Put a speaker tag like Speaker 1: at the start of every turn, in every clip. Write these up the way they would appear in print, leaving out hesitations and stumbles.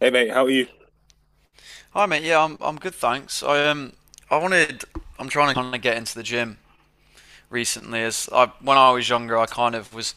Speaker 1: Hey mate, how are you?
Speaker 2: Hi mate, yeah, I'm good, thanks. I wanted. I'm trying to kind of get into the gym recently. As I When I was younger, I kind of was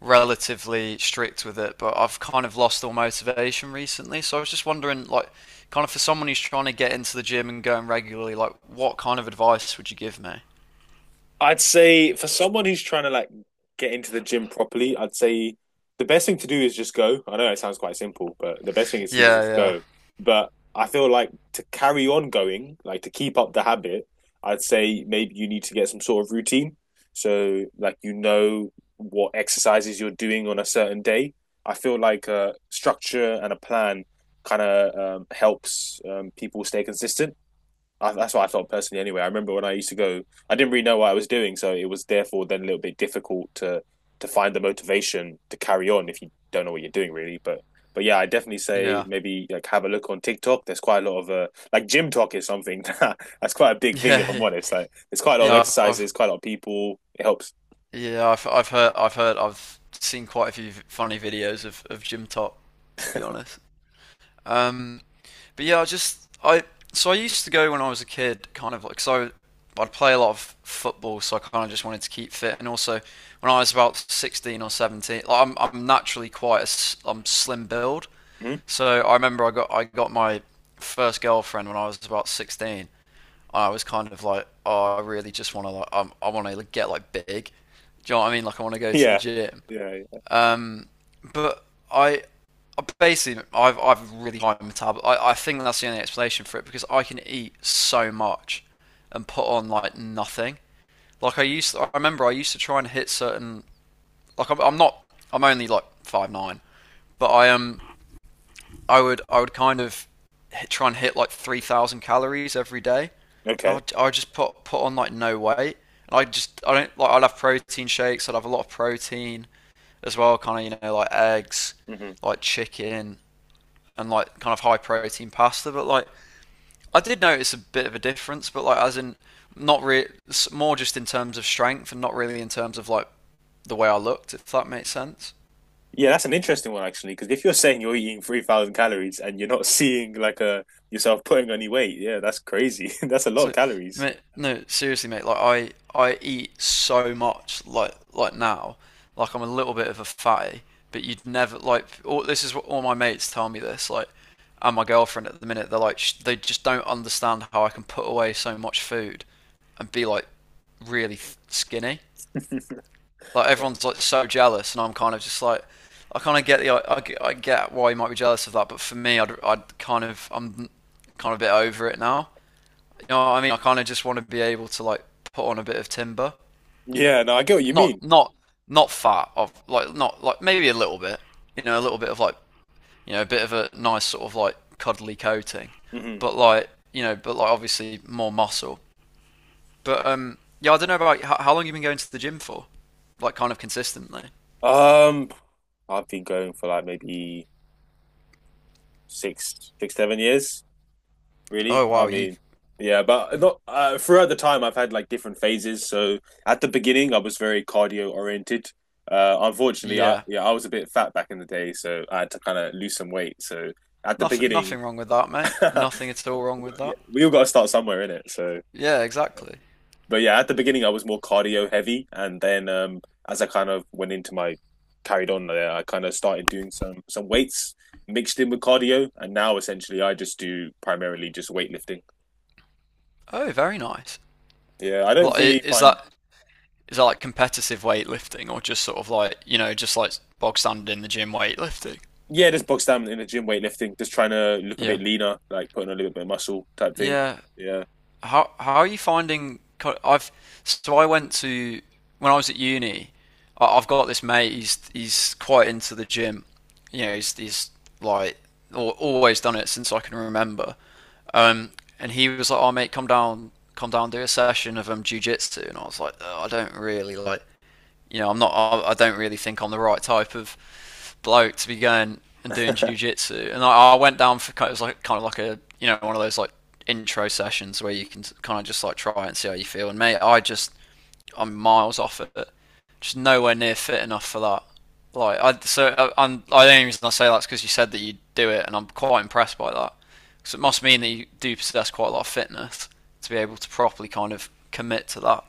Speaker 2: relatively strict with it, but I've kind of lost all motivation recently. So I was just wondering, like, kind of for someone who's trying to get into the gym and going regularly, like, what kind of advice would you give me?
Speaker 1: I'd say for someone who's trying to get into the gym properly, I'd say the best thing to do is just go. I know it sounds quite simple, but the best thing is to just
Speaker 2: Yeah,
Speaker 1: go. But I feel like to carry on going, like to keep up the habit, I'd say maybe you need to get some sort of routine. So like you know what exercises you're doing on a certain day. I feel like a structure and a plan kind of helps people stay consistent. That's what I felt personally. Anyway, I remember when I used to go, I didn't really know what I was doing, so it was therefore then a little bit difficult to find the motivation to carry on if you don't know what you're doing really. But yeah, I definitely
Speaker 2: yeah.
Speaker 1: say
Speaker 2: Yeah.
Speaker 1: maybe like have a look on TikTok. There's quite a lot of like gym talk is something that, that's quite a big thing if
Speaker 2: Yeah.
Speaker 1: I'm
Speaker 2: Yeah,
Speaker 1: honest. Like there's quite a lot of
Speaker 2: yeah, I've
Speaker 1: exercises, quite a lot of people. It helps.
Speaker 2: yeah, I've seen quite a few funny videos of gym top, to be honest. Um But yeah, I used to go when I was a kid, kind of. I'd play a lot of football, so I kind of just wanted to keep fit. And also, when I was about 16 or 17, like, I'm naturally quite a I'm slim build,
Speaker 1: Mhm.
Speaker 2: so I remember I got my first girlfriend when I was about 16. I was kind of like, oh, I really just want to like I want to get like big. Do you know what I mean? Like, I want to go to the
Speaker 1: Yeah,
Speaker 2: gym.
Speaker 1: yeah, yeah.
Speaker 2: Um, but I, I basically, I've really high metabolism. I think that's the only explanation for it, because I can eat so much and put on like nothing. Like I used to. I remember I used to try and hit certain. I'm not. I'm only like 5'9", but I am. I would kind of try and hit like 3,000 calories every day, and
Speaker 1: Okay.
Speaker 2: I just put on like no weight. And I don't like. I'd have protein shakes. I'd have a lot of protein as well, kind of, you know, like eggs,
Speaker 1: hmm
Speaker 2: like chicken, and like kind of high protein pasta. But like, I did notice a bit of a difference, but like, as in not really. More just in terms of strength and not really in terms of like the way I looked, if that makes sense.
Speaker 1: Yeah, that's an interesting one actually, because if you're saying you're eating 3,000 calories and you're not seeing like a yourself putting any weight, yeah, that's crazy. That's a lot of
Speaker 2: So,
Speaker 1: calories.
Speaker 2: mate, no, seriously, mate. I eat so much. Like now, like, I'm a little bit of a fatty. But you'd never like. All, this is what all my mates tell me. This like, and my girlfriend at the minute. They're like, they just don't understand how I can put away so much food, and be like, really skinny. Like,
Speaker 1: Yeah.
Speaker 2: everyone's like so jealous, and I'm kind of just like, I kind of get the, I get why you might be jealous of that. But for me, I'd kind of, I'm kind of a bit over it now. You know what I mean? I kind of just want to be able to, like, put on a bit of timber,
Speaker 1: Yeah, no, I get what you
Speaker 2: not
Speaker 1: mean.
Speaker 2: not not fat, of like, not like maybe a little bit, you know, a little bit of like, you know, a bit of a nice sort of like cuddly coating,
Speaker 1: Hmm
Speaker 2: but like, you know, but like obviously more muscle. But yeah, I don't know about how long you have been going to the gym for, like, kind of consistently.
Speaker 1: Um, I've been going for like maybe 7 years, really.
Speaker 2: Oh
Speaker 1: I
Speaker 2: wow, you
Speaker 1: mean, yeah, but not throughout the time I've had like different phases. So at the beginning, I was very cardio oriented. Unfortunately, I
Speaker 2: yeah,
Speaker 1: yeah, I was a bit fat back in the day, so I had to kind of lose some weight. So at the
Speaker 2: nothing
Speaker 1: beginning.
Speaker 2: nothing wrong with that, mate. Nothing at all wrong with
Speaker 1: Well, yeah,
Speaker 2: that.
Speaker 1: we all got to start somewhere in it. So,
Speaker 2: Yeah, exactly.
Speaker 1: but yeah, at the beginning I was more cardio heavy, and then as I kind of went into my carried on there, I kind of started doing some weights mixed in with cardio, and now essentially I just do primarily just weightlifting.
Speaker 2: Oh, very nice.
Speaker 1: Yeah, I don't
Speaker 2: Like,
Speaker 1: really
Speaker 2: is
Speaker 1: find
Speaker 2: that, is that like competitive weightlifting or just sort of like, you know, just like bog standard in the gym weightlifting?
Speaker 1: yeah, just box down in the gym weightlifting, just trying to look a
Speaker 2: Yeah,
Speaker 1: bit leaner, like putting on a little bit of muscle type thing.
Speaker 2: yeah.
Speaker 1: Yeah.
Speaker 2: How are you finding? I've, so I went to, when I was at uni, I have got this mate. He's quite into the gym. You know, he's like always done it since I can remember. Um, and he was like, "Oh mate, come down, do a session of jiu jitsu." And I was like, "Oh, I don't really like." You know, I'm not. I don't really think I'm the right type of bloke to be going and doing jujitsu. And I went down for kind of, it was like kind of like, a you know, one of those like intro sessions where you can kind of just like try and see how you feel. And mate, I'm miles off it, just nowhere near fit enough for that. Like I so I, I'm I the only reason I say that's because you said that you do it, and I'm quite impressed by that. Because it must mean that you do possess quite a lot of fitness to be able to properly kind of commit to that.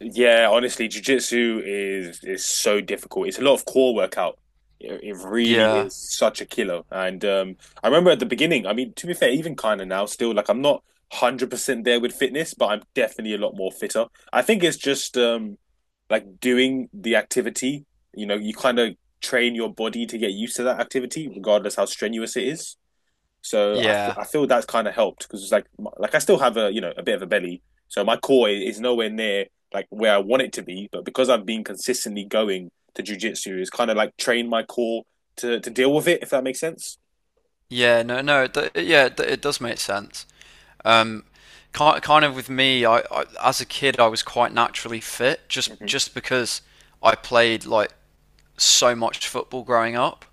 Speaker 1: Yeah, honestly, jiu-jitsu is so difficult. It's a lot of core workout. It really
Speaker 2: Yeah,
Speaker 1: is such a killer. And I remember at the beginning, I mean, to be fair, even kind of now still, like I'm not 100% there with fitness, but I'm definitely a lot more fitter. I think it's just like doing the activity, you know, you kind of train your body to get used to that activity, regardless how strenuous it is. So
Speaker 2: yeah.
Speaker 1: I feel that's kind of helped because it's like I still have a you know a bit of a belly, so my core is nowhere near like where I want it to be. But because I've been consistently going to jujitsu, it's kind of like trained my core to deal with it, if that makes sense.
Speaker 2: Yeah, no, no, yeah, it does make sense. Um, Kind of with me, I as a kid, I was quite naturally fit,
Speaker 1: Hmm
Speaker 2: just because I played like so much football growing up.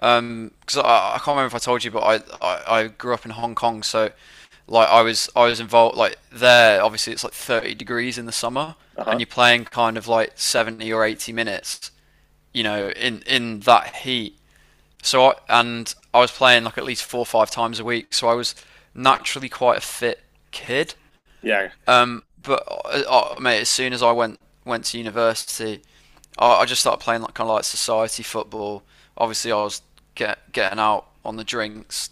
Speaker 2: Because I can't remember if I told you, but I grew up in Hong Kong, so like I was involved like there. Obviously, it's like 30 degrees in the summer,
Speaker 1: Uh-huh.
Speaker 2: and you're playing kind of like 70 or 80 minutes, you know, in that heat. So, and I was playing like at least four or five times a week, so I was naturally quite a fit kid.
Speaker 1: Yeah.
Speaker 2: But Mate, as soon as I went to university, I just started playing like kind of like society football. Obviously, I was getting out on the drinks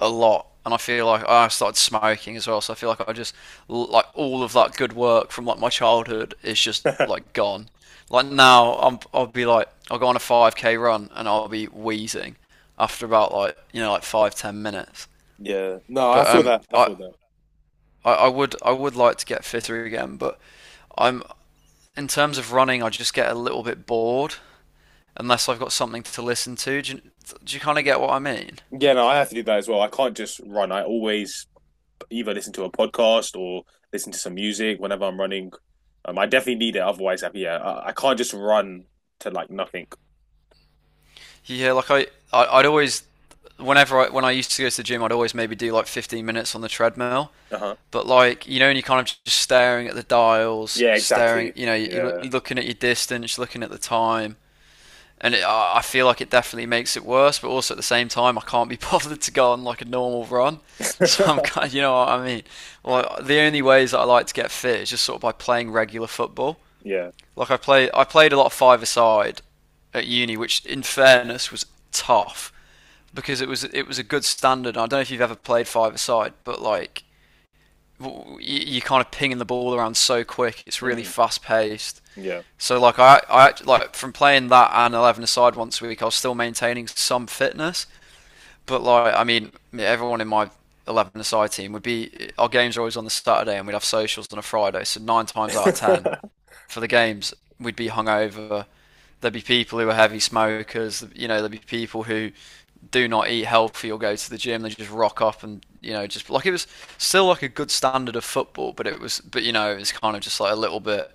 Speaker 2: a lot, and I feel like, oh, I started smoking as well. So I feel like I just, like all of that good work from like my childhood is just like gone. Like now, I'll be like, I'll go on a 5k run and I'll be wheezing after about like, you know, like 5 10 minutes.
Speaker 1: Yeah. No, I
Speaker 2: But
Speaker 1: feel that. I
Speaker 2: I
Speaker 1: feel that.
Speaker 2: I, I would, I would like to get fitter again, but I'm, in terms of running, I just get a little bit bored unless I've got something to listen to. Do you kind of get what I mean?
Speaker 1: Yeah, no, I have to do that as well. I can't just run. I always either listen to a podcast or listen to some music whenever I'm running. I definitely need it. Otherwise, yeah, I can't just run to like nothing.
Speaker 2: Yeah, like I I'd always, when I used to go to the gym, I'd always maybe do like 15 minutes on the treadmill.
Speaker 1: Uh-huh.
Speaker 2: But like, you know, and you're kind of just staring at the dials,
Speaker 1: Yeah,
Speaker 2: staring,
Speaker 1: exactly.
Speaker 2: you know, you're
Speaker 1: Yeah.
Speaker 2: looking at your distance, looking at the time. And it, I feel like it definitely makes it worse, but also at the same time, I can't be bothered to go on like a normal run. So I'm kind of, you know what I mean? Like, the only ways that I like to get fit is just sort of by playing regular football.
Speaker 1: Yeah.
Speaker 2: I played a lot of five-a-side at uni, which in fairness was tough because it was a good standard. I don't know if you've ever played five a side, but like, you are kind of pinging the ball around so quick. It's really
Speaker 1: hmm
Speaker 2: fast paced.
Speaker 1: Yeah.
Speaker 2: So like I like from playing that and 11 a side once a week, I was still maintaining some fitness. But like, I mean, yeah, everyone in my 11 a side team would be, our games are always on the Saturday and we'd have socials on a Friday. So nine times out of ten, for the games, we'd be hungover. There'd be people who are heavy smokers. You know, there'd be people who do not eat healthy or go to the gym. They just rock up and, you know, just like, it was still like a good standard of football, but it was, but you know, it's kind of just like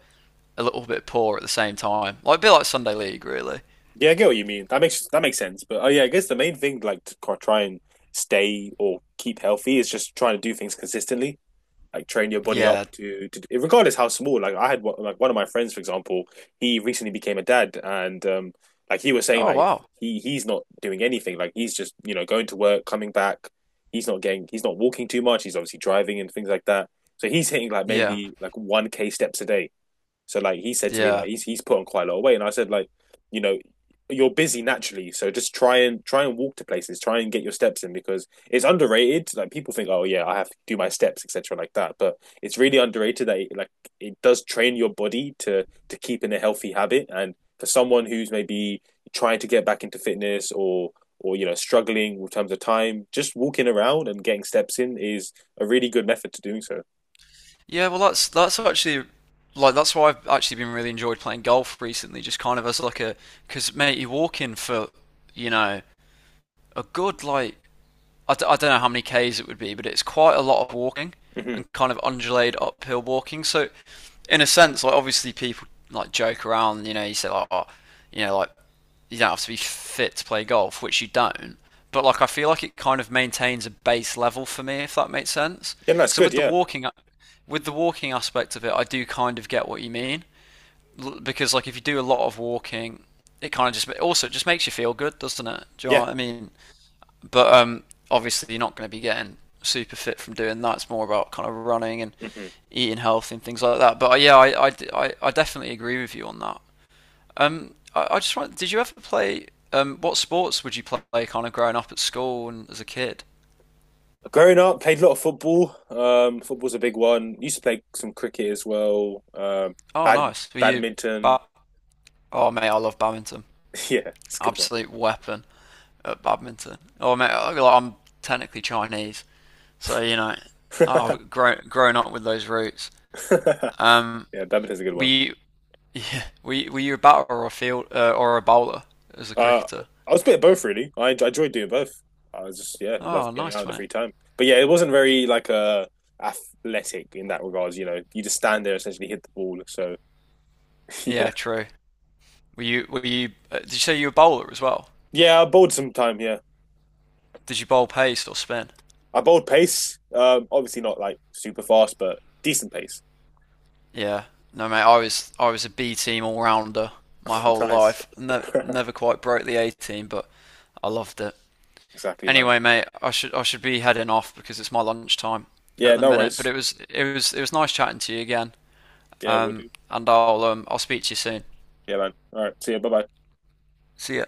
Speaker 2: a little bit poor at the same time. Like a bit like Sunday League, really.
Speaker 1: Yeah, I get what you mean. That makes sense. But oh yeah, I guess the main thing like to try and stay or keep healthy is just trying to do things consistently. Like train your body up
Speaker 2: Yeah.
Speaker 1: to regardless how small, like I had one, like one of my friends for example, he recently became a dad, and like he was saying
Speaker 2: Oh
Speaker 1: like
Speaker 2: wow.
Speaker 1: he's not doing anything, like he's just you know going to work coming back, he's not walking too much, he's obviously driving and things like that, so he's hitting like
Speaker 2: Yeah.
Speaker 1: maybe like 1K steps a day. So like he said to me, like
Speaker 2: Yeah.
Speaker 1: he's put on quite a lot of weight, and I said like, you know, you're busy naturally, so just try and walk to places, try and get your steps in because it's underrated. Like people think, oh yeah, I have to do my steps, etc., like that, but it's really underrated that like it does train your body to keep in a healthy habit. And for someone who's maybe trying to get back into fitness or you know struggling in terms of time, just walking around and getting steps in is a really good method to doing so.
Speaker 2: Yeah. Well, that's actually like that's why I've actually been really enjoyed playing golf recently. Just kind of as like a, because mate, you walk in for, you know, a good like, I don't know how many k's it would be, but it's quite a lot of walking
Speaker 1: Hmm
Speaker 2: and kind of undulated uphill walking. So in a sense, like, obviously people like joke around, you know, you say like, oh, you know, like you don't have to be fit to play golf, which you don't. But like, I feel like it kind of maintains a base level for me, if that makes sense.
Speaker 1: Yeah, that's
Speaker 2: So
Speaker 1: good. Yeah,
Speaker 2: with the walking aspect of it, I do kind of get what you mean, because like if you do a lot of walking, it kind of just also, it just makes you feel good, doesn't it? Do you know
Speaker 1: yeah.
Speaker 2: what I mean? But obviously, you're not going to be getting super fit from doing that. It's more about kind of running and
Speaker 1: hmm
Speaker 2: eating healthy and things like that. But yeah, definitely agree with you on that. I just want. Did you ever play? What sports would you play kind of growing up at school and as a kid?
Speaker 1: Growing up, played a lot of football. Football's a big one. Used to play some cricket as well.
Speaker 2: Oh,
Speaker 1: Bad
Speaker 2: nice. Were you?
Speaker 1: badminton.
Speaker 2: Ba- oh, mate, I love badminton.
Speaker 1: Yeah, it's a good one.
Speaker 2: Absolute weapon at badminton. Oh, mate, like, I'm technically Chinese, so you know, I've grown up with those roots. Um,
Speaker 1: Yeah, badminton's a good
Speaker 2: were
Speaker 1: one.
Speaker 2: you were you a batter or a field or a bowler as a
Speaker 1: Uh,
Speaker 2: cricketer?
Speaker 1: I was a bit of both really. I enjoyed doing both. I was just yeah, love
Speaker 2: Oh,
Speaker 1: getting out
Speaker 2: nice
Speaker 1: in the
Speaker 2: mate.
Speaker 1: free time. But yeah, it wasn't very like athletic in that regards. You know, you just stand there essentially hit the ball. So. yeah,
Speaker 2: Yeah, true. Were you were you? Did you say you were a bowler as well?
Speaker 1: yeah. I bowled some time. Yeah,
Speaker 2: Did you bowl pace or spin?
Speaker 1: I bowled pace. Obviously not like super fast, but decent pace.
Speaker 2: Yeah. No mate, I was a B team all rounder my
Speaker 1: Oh,
Speaker 2: whole
Speaker 1: nice.
Speaker 2: life. No, never quite broke the A team, but I loved it.
Speaker 1: exactly, man.
Speaker 2: Anyway, mate, I should be heading off because it's my lunchtime at
Speaker 1: Yeah,
Speaker 2: the
Speaker 1: no
Speaker 2: minute. But
Speaker 1: worries.
Speaker 2: it was nice chatting to you again.
Speaker 1: Yeah, we'll
Speaker 2: Um,
Speaker 1: do.
Speaker 2: and I'll um I'll speak to you soon.
Speaker 1: Yeah, man. All right. See you. Bye bye.
Speaker 2: See ya.